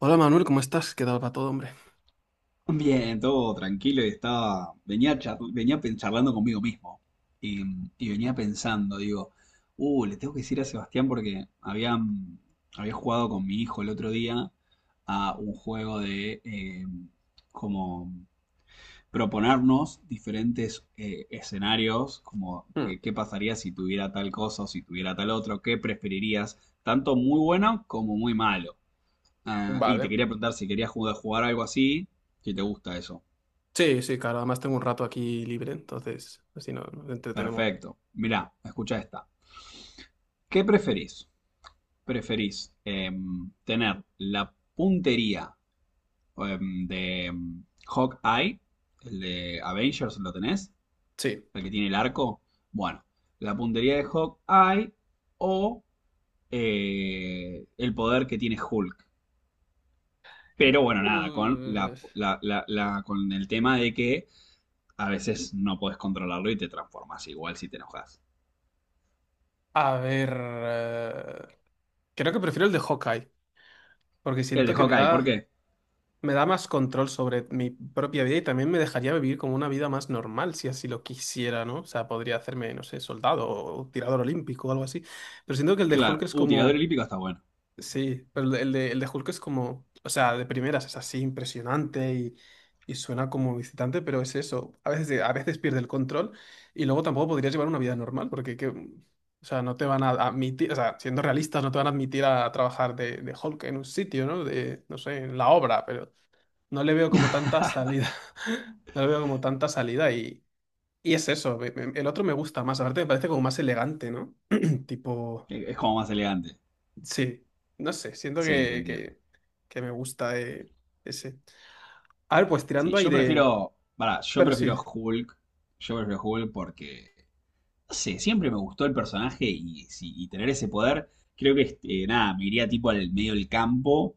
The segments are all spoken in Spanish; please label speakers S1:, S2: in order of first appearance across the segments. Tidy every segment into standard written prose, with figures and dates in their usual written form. S1: Hola Manuel, ¿cómo estás? ¿Qué tal va todo, hombre?
S2: Bien, todo tranquilo y estaba, venía, char- venía pen- charlando conmigo mismo y, y venía pensando, digo, le tengo que decir a Sebastián porque había jugado con mi hijo el otro día a un juego de como proponernos diferentes escenarios, como
S1: Hmm.
S2: qué pasaría si tuviera tal cosa o si tuviera tal otro, qué preferirías, tanto muy bueno como muy malo. Ah, y te
S1: Vale.
S2: quería preguntar si querías jugar algo así, si te gusta eso.
S1: Sí, sí, claro, además tengo un rato aquí libre, entonces así nos entretenemos.
S2: Perfecto. Mirá, escucha esta. ¿Qué preferís? ¿Preferís tener la puntería de Hawkeye, el de Avengers, lo tenés?
S1: Sí.
S2: ¿El que tiene el arco? Bueno, la puntería de Hawkeye o el poder que tiene Hulk. Pero bueno, nada, con
S1: Uh,
S2: con el tema de que a veces no podés controlarlo y te transformas igual si te enojas.
S1: a ver, creo que prefiero el de Hawkeye, porque
S2: El
S1: siento
S2: de
S1: que
S2: Hawkeye, ¿por qué?
S1: me da más control sobre mi propia vida y también me dejaría vivir como una vida más normal, si así lo quisiera, ¿no? O sea, podría hacerme, no sé, soldado o tirador olímpico o algo así, pero siento que el de Hulk
S2: Claro,
S1: es
S2: tirador
S1: como...
S2: olímpico está bueno.
S1: Sí, pero el de Hulk es como, o sea, de primeras es así impresionante y suena como visitante, pero es eso. A veces pierde el control y luego tampoco podrías llevar una vida normal, porque que, o sea, no te van a admitir, o sea, siendo realistas, no te van a admitir a trabajar de Hulk en un sitio, ¿no? De, no sé, en la obra, pero no le veo como tanta salida. No le veo como tanta salida y es eso. El otro me gusta más, aparte me parece como más elegante, ¿no? Tipo.
S2: Es como más elegante.
S1: Sí, no sé, siento
S2: Sí, te entiendo.
S1: que me gusta ese. A ver, pues
S2: Sí,
S1: tirando ahí
S2: yo
S1: de...
S2: prefiero. Pará, yo
S1: Bueno,
S2: prefiero
S1: sí.
S2: Hulk. Yo prefiero Hulk porque. No sé, siempre me gustó el personaje y, si- y tener ese poder. Creo que, nada, me iría tipo al medio del campo,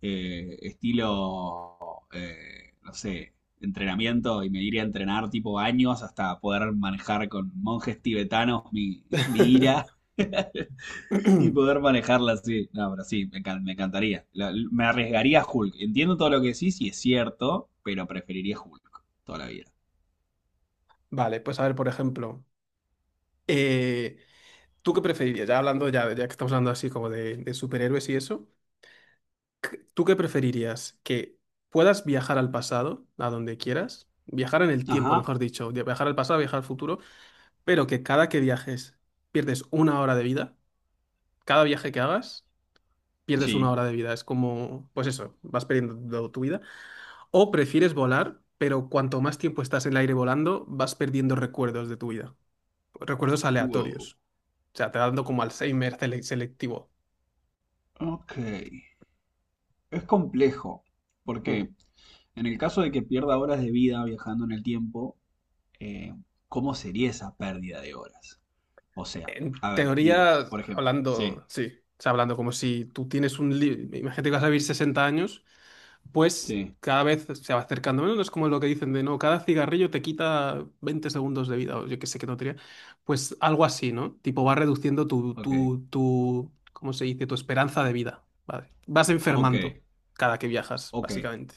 S2: estilo. No sé, entrenamiento y me iría a entrenar tipo años hasta poder manejar con monjes tibetanos mi, mi ira. Y poder manejarla así. No, pero sí, me encantaría. Me arriesgaría a Hulk. Entiendo todo lo que decís y es cierto, pero preferiría Hulk toda la vida.
S1: Vale, pues a ver, por ejemplo, eh, ¿tú qué preferirías? Ya hablando, ya, ya que estamos hablando así como de superhéroes y eso, ¿tú qué preferirías? ¿Que puedas viajar al pasado, a donde quieras? Viajar en el tiempo,
S2: Ajá.
S1: mejor dicho, viajar al pasado, viajar al futuro, pero que cada que viajes pierdes una hora de vida, cada viaje que hagas pierdes una
S2: Sí.
S1: hora de vida. Es como, pues eso, vas perdiendo tu vida. O prefieres volar, pero cuanto más tiempo estás en el aire volando, vas perdiendo recuerdos de tu vida. Recuerdos
S2: Wow.
S1: aleatorios. O sea, te va dando como Alzheimer selectivo.
S2: Ok. Es complejo,
S1: Mm.
S2: porque en el caso de que pierda horas de vida viajando en el tiempo, eh, ¿cómo sería esa pérdida de horas? O sea,
S1: En
S2: a ver, digo,
S1: teoría,
S2: por ejemplo. Sí,
S1: hablando, sí, o sea, hablando como si tú tienes Imagínate que vas a vivir 60 años, pues
S2: sí.
S1: cada vez se va acercando menos, es como lo que dicen de no, cada cigarrillo te quita 20 segundos de vida, o yo que sé qué tontería, pues algo así, ¿no? Tipo, va reduciendo tu,
S2: Ok,
S1: tu, tu, ¿cómo se dice? Tu esperanza de vida, ¿vale? Vas
S2: ok,
S1: enfermando cada que viajas,
S2: ok.
S1: básicamente.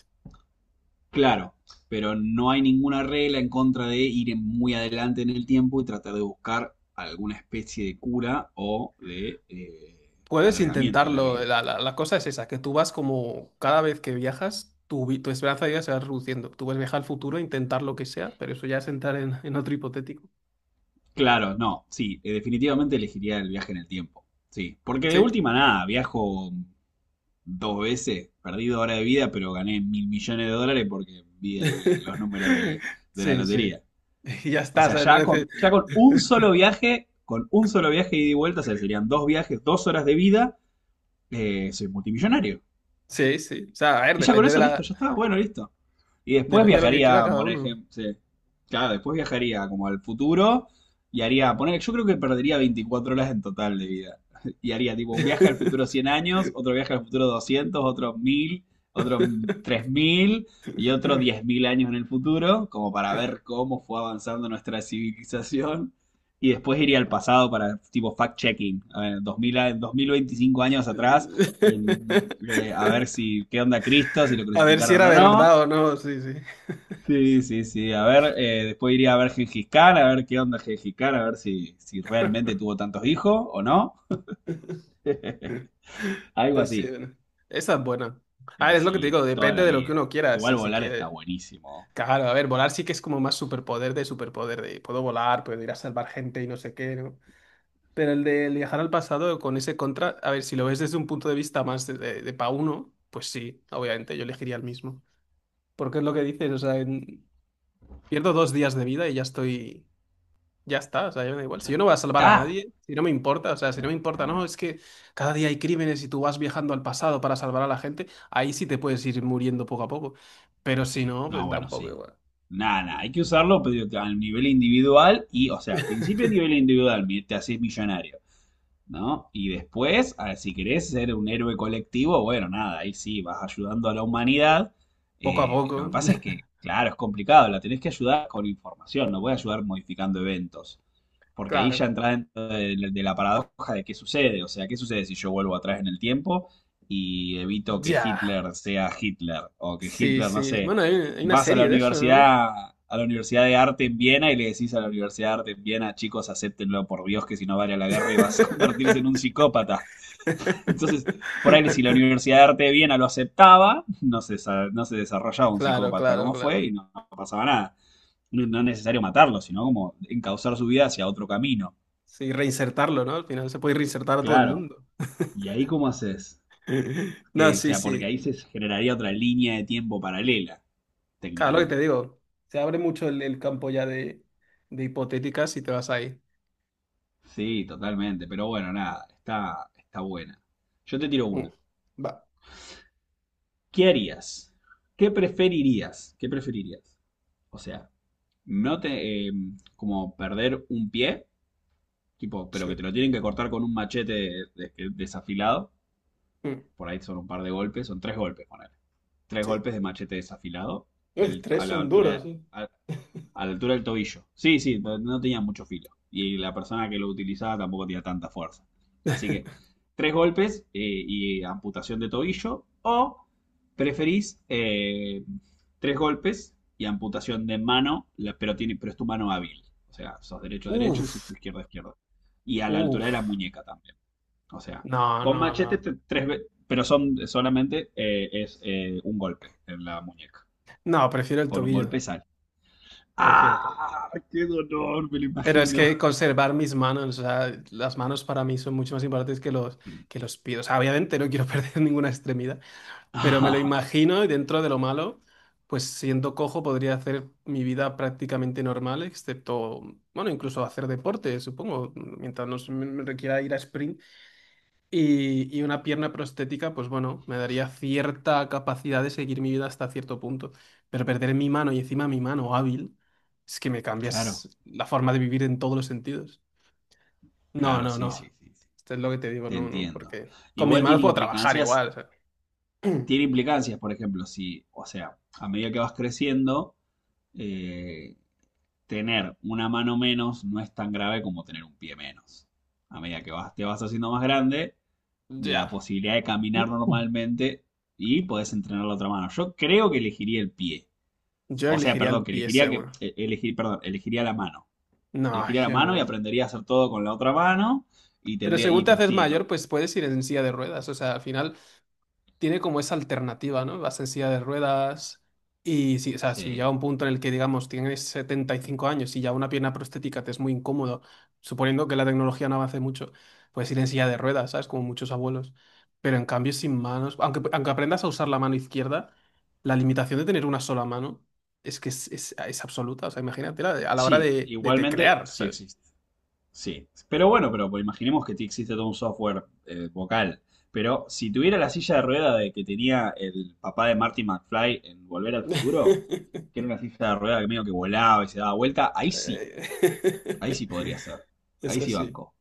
S2: Claro, pero no hay ninguna regla en contra de ir muy adelante en el tiempo y tratar de buscar alguna especie de cura o de
S1: Puedes
S2: alargamiento de la
S1: intentarlo,
S2: vida.
S1: la cosa es esa, que tú vas como cada vez que viajas, tu esperanza de vida se va reduciendo. Tú puedes viajar al futuro, intentar lo que sea, pero eso ya es entrar en otro hipotético.
S2: Claro, no, sí, definitivamente elegiría el viaje en el tiempo. Sí, porque de
S1: ¿Sí?
S2: última nada, viajo 2 veces, perdí 2 horas de vida, pero gané 1.000 millones de dólares porque vi los números de, de la
S1: Sí, sí.
S2: lotería.
S1: Y ya
S2: O
S1: está,
S2: sea,
S1: ¿sabes? No
S2: ya
S1: neces-
S2: con, ya con un solo viaje, con un solo viaje ida y vuelta, o sea, serían 2 viajes, 2 horas de vida, soy multimillonario.
S1: Sí, sí. O sea, a ver,
S2: Y ya con
S1: depende de
S2: eso
S1: la...
S2: listo, ya está, bueno, listo. Y después
S1: Depende de lo que quiera
S2: viajaría,
S1: cada
S2: por
S1: uno.
S2: ejemplo, sí. Claro, después viajaría como al futuro y haría, poner, yo creo que perdería 24 horas en total de vida. Y haría tipo un viaje al futuro 100 años, otro viaje al futuro 200, otro 1000, otro 3.000 y otro 10.000 años en el futuro, como para ver cómo fue avanzando nuestra civilización. Y después iría al pasado para tipo fact-checking, a ver, 2000, 2025 años atrás, a ver si qué onda Cristo, si lo
S1: A ver si
S2: crucificaron
S1: era
S2: o no.
S1: verdad o no, sí, sí.
S2: Sí, sí, sí. A ver, después iría a ver Gengis Khan, a ver qué onda Gengis Khan, a ver si realmente tuvo tantos hijos o no. Algo
S1: Pues sí,
S2: así.
S1: bueno. Esa es buena. A ver,
S2: Pero
S1: es lo que te
S2: sí,
S1: digo,
S2: toda
S1: depende
S2: la
S1: de lo que
S2: vida.
S1: uno quiera,
S2: Igual
S1: si, si
S2: volar está
S1: quiere.
S2: buenísimo.
S1: Claro, a ver, volar sí que es como más superpoder, de puedo volar, puedo ir a salvar gente y no sé qué, ¿no? Pero el de viajar al pasado con ese contra, a ver, si lo ves desde un punto de vista más de pa' uno, pues sí, obviamente yo elegiría el mismo. Porque es lo que dices, o sea, pierdo dos días de vida y ya estoy, ya está, o sea, ya me da igual. Si
S2: Ya
S1: yo no voy a salvar a
S2: está.
S1: nadie, si no me importa, o sea, si
S2: Ya
S1: no me importa, no,
S2: está.
S1: es que cada día hay crímenes y tú vas viajando al pasado para salvar a la gente, ahí sí te puedes ir muriendo poco a poco. Pero si no,
S2: No,
S1: pues
S2: bueno,
S1: tampoco
S2: sí.
S1: igual.
S2: Nada, nada. Hay que usarlo pero a nivel individual y, o sea, a principio a nivel individual te haces millonario, ¿no? Y después, ah, si querés ser un héroe colectivo, bueno, nada, ahí sí, vas ayudando a la humanidad.
S1: Poco a
S2: Lo que
S1: poco.
S2: pasa es que, claro, es complicado, la tenés que ayudar con información, no puedes ayudar modificando eventos, porque ahí ya
S1: Claro.
S2: entra dentro de la paradoja de qué sucede, o sea, qué sucede si yo vuelvo atrás en el tiempo y evito que
S1: Ya.
S2: Hitler sea Hitler, o que
S1: Sí,
S2: Hitler, no
S1: sí.
S2: sé,
S1: Bueno, hay una
S2: vas
S1: serie de eso, ¿no?
S2: a la Universidad de Arte en Viena y le decís a la Universidad de Arte en Viena, chicos, acéptenlo por Dios que si no vale la guerra y vas a convertirse en un psicópata. Entonces, por ahí si la Universidad de Arte de Viena lo aceptaba, no se desarrollaba un
S1: Claro,
S2: psicópata
S1: claro,
S2: como fue
S1: claro.
S2: y no, no pasaba nada. No, no, es necesario matarlo, sino como encauzar su vida hacia otro camino.
S1: Sí, reinsertarlo, ¿no? Al final se puede reinsertar a todo el
S2: Claro.
S1: mundo.
S2: ¿Y ahí cómo haces?
S1: No,
S2: Que O
S1: sí,
S2: sea, porque
S1: sí.
S2: ahí se generaría otra línea de tiempo paralela,
S1: Claro, lo que te
S2: técnicamente.
S1: digo. Se abre mucho el campo ya de hipotéticas y te vas ahí.
S2: Sí, totalmente, pero bueno, nada, está, está buena. Yo te tiro
S1: Mm.
S2: una.
S1: Va.
S2: ¿Qué harías? ¿Qué preferirías? ¿Qué preferirías? O sea, no te, como perder un pie, tipo, pero que te
S1: Sí.
S2: lo tienen que cortar con un machete desafilado.
S1: Mm.
S2: Por ahí son un par de golpes, son 3 golpes, ponele. Tres
S1: Sí.
S2: golpes de machete desafilado,
S1: Los
S2: el-
S1: tres
S2: a la
S1: son duros,
S2: altura,
S1: sí.
S2: a la altura del tobillo. Sí, sí, pero no tenía mucho filo. Y la persona que lo utilizaba tampoco tenía tanta fuerza. Así que 3 golpes y amputación de tobillo. O preferís 3 golpes y amputación de mano, pero es tu mano hábil. O sea, sos derecho, derecho, y
S1: Uf,
S2: tu izquierda, izquierda. Y a la altura de la
S1: uf.
S2: muñeca también. O sea,
S1: No,
S2: con
S1: no,
S2: machete
S1: no.
S2: 3 veces, pero son solamente es un golpe en la muñeca.
S1: No, prefiero el
S2: Con un golpe
S1: tobillo.
S2: sa-
S1: Prefiero el tobillo.
S2: ¡Ah! ¡Qué dolor! Me lo
S1: Pero es
S2: imagino.
S1: que conservar mis manos, o sea, las manos para mí son mucho más importantes que los pies. O sea, obviamente no quiero perder ninguna extremidad, pero me lo
S2: Ah,
S1: imagino y dentro de lo malo, pues siendo cojo podría hacer mi vida prácticamente normal, excepto, bueno, incluso hacer deporte, supongo, mientras no se me requiera ir a sprint y una pierna prostética, pues bueno, me daría cierta capacidad de seguir mi vida hasta cierto punto. Pero perder mi mano y encima mi mano hábil, es que me
S2: claro,
S1: cambias la forma de vivir en todos los sentidos. No,
S2: claro,
S1: no,
S2: sí,
S1: no.
S2: sí, sí, sí.
S1: Esto es lo que te digo,
S2: Te
S1: no, no,
S2: entiendo.
S1: porque con mis
S2: Igual
S1: manos puedo trabajar igual. O sea,
S2: tiene implicancias, por ejemplo, si, o sea, a medida que vas creciendo, eh, tener una mano menos no es tan grave como tener un pie menos. A medida que te vas haciendo más grande, la
S1: ya.
S2: posibilidad de caminar normalmente y podés entrenar la otra mano. Yo creo que elegiría el pie.
S1: Yo
S2: O sea,
S1: elegiría el
S2: perdón, que
S1: pie
S2: elegiría que,
S1: seguro.
S2: elegir, perdón, elegiría la mano.
S1: No,
S2: Elegiría la
S1: yo
S2: mano y
S1: no.
S2: aprendería a hacer todo con la otra mano. Y
S1: Pero
S2: tendría.
S1: según
S2: Y,
S1: te
S2: pero
S1: haces
S2: sí.
S1: mayor, pues puedes ir en silla de ruedas. O sea, al final tiene como esa alternativa, ¿no? Vas en silla de ruedas y si, o sea, si llega
S2: Sí,
S1: un punto en el que, digamos, tienes 75 años y ya una pierna prostética te es muy incómodo, suponiendo que la tecnología no avance mucho, puedes ir en silla de ruedas, ¿sabes? Como muchos abuelos. Pero en cambio, sin manos, aunque, aunque aprendas a usar la mano izquierda, la limitación de tener una sola mano es que es, es absoluta. O sea, imagínate ¿no? a la hora
S2: sí,
S1: de
S2: igualmente
S1: teclear,
S2: sí
S1: ¿sabes?
S2: existe. Sí. Pero bueno, pero pues, imaginemos que existe todo un software vocal. Pero si tuviera la silla de rueda de que tenía el papá de Marty McFly en Volver al Futuro, que era una silla de rueda que medio que volaba y se daba vuelta, ahí
S1: Eh.
S2: sí podría ser. Ahí
S1: Eso
S2: sí
S1: sí.
S2: banco.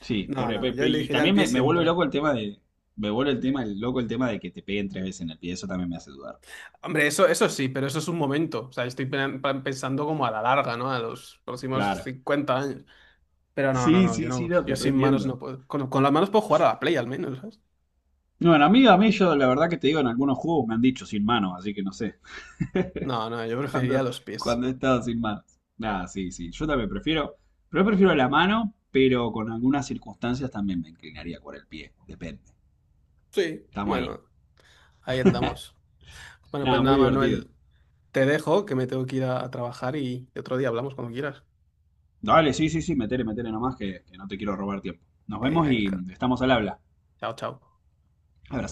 S2: Sí,
S1: No, no, yo
S2: y
S1: elegiría el
S2: también
S1: pie
S2: me vuelve loco
S1: siempre.
S2: el tema de. Me vuelve el tema, el loco el tema de que te peguen 3 veces en el pie. Eso también me hace dudar.
S1: Hombre, eso sí, pero eso es un momento. O sea, estoy pensando como a la larga, ¿no? A los próximos
S2: Claro.
S1: 50 años. Pero no, no,
S2: Sí,
S1: no, yo
S2: sí, sí,
S1: no,
S2: no,
S1: yo
S2: te
S1: sin manos
S2: reentiendo.
S1: no puedo. Con las manos puedo jugar a la Play al menos, ¿sabes?
S2: Bueno, a mí yo la verdad que te digo, en algunos juegos me han dicho sin manos, así que no sé.
S1: No, no, yo preferiría
S2: Cuando,
S1: los pies.
S2: cuando he estado sin manos. Nada, sí, sí. Yo también prefiero, pero prefiero la mano, pero con algunas circunstancias también me inclinaría por el pie. Depende.
S1: Sí,
S2: Estamos ahí.
S1: bueno, ahí andamos. Bueno, pues
S2: Nada,
S1: nada,
S2: muy divertido.
S1: Manuel, te dejo, que me tengo que ir a trabajar y otro día hablamos cuando quieras.
S2: Dale, sí, sí, sí, metele, metele nomás que no te quiero robar tiempo. Nos
S1: Venga,
S2: vemos y
S1: venga.
S2: estamos al habla.
S1: Chao, chao.
S2: Abrazo.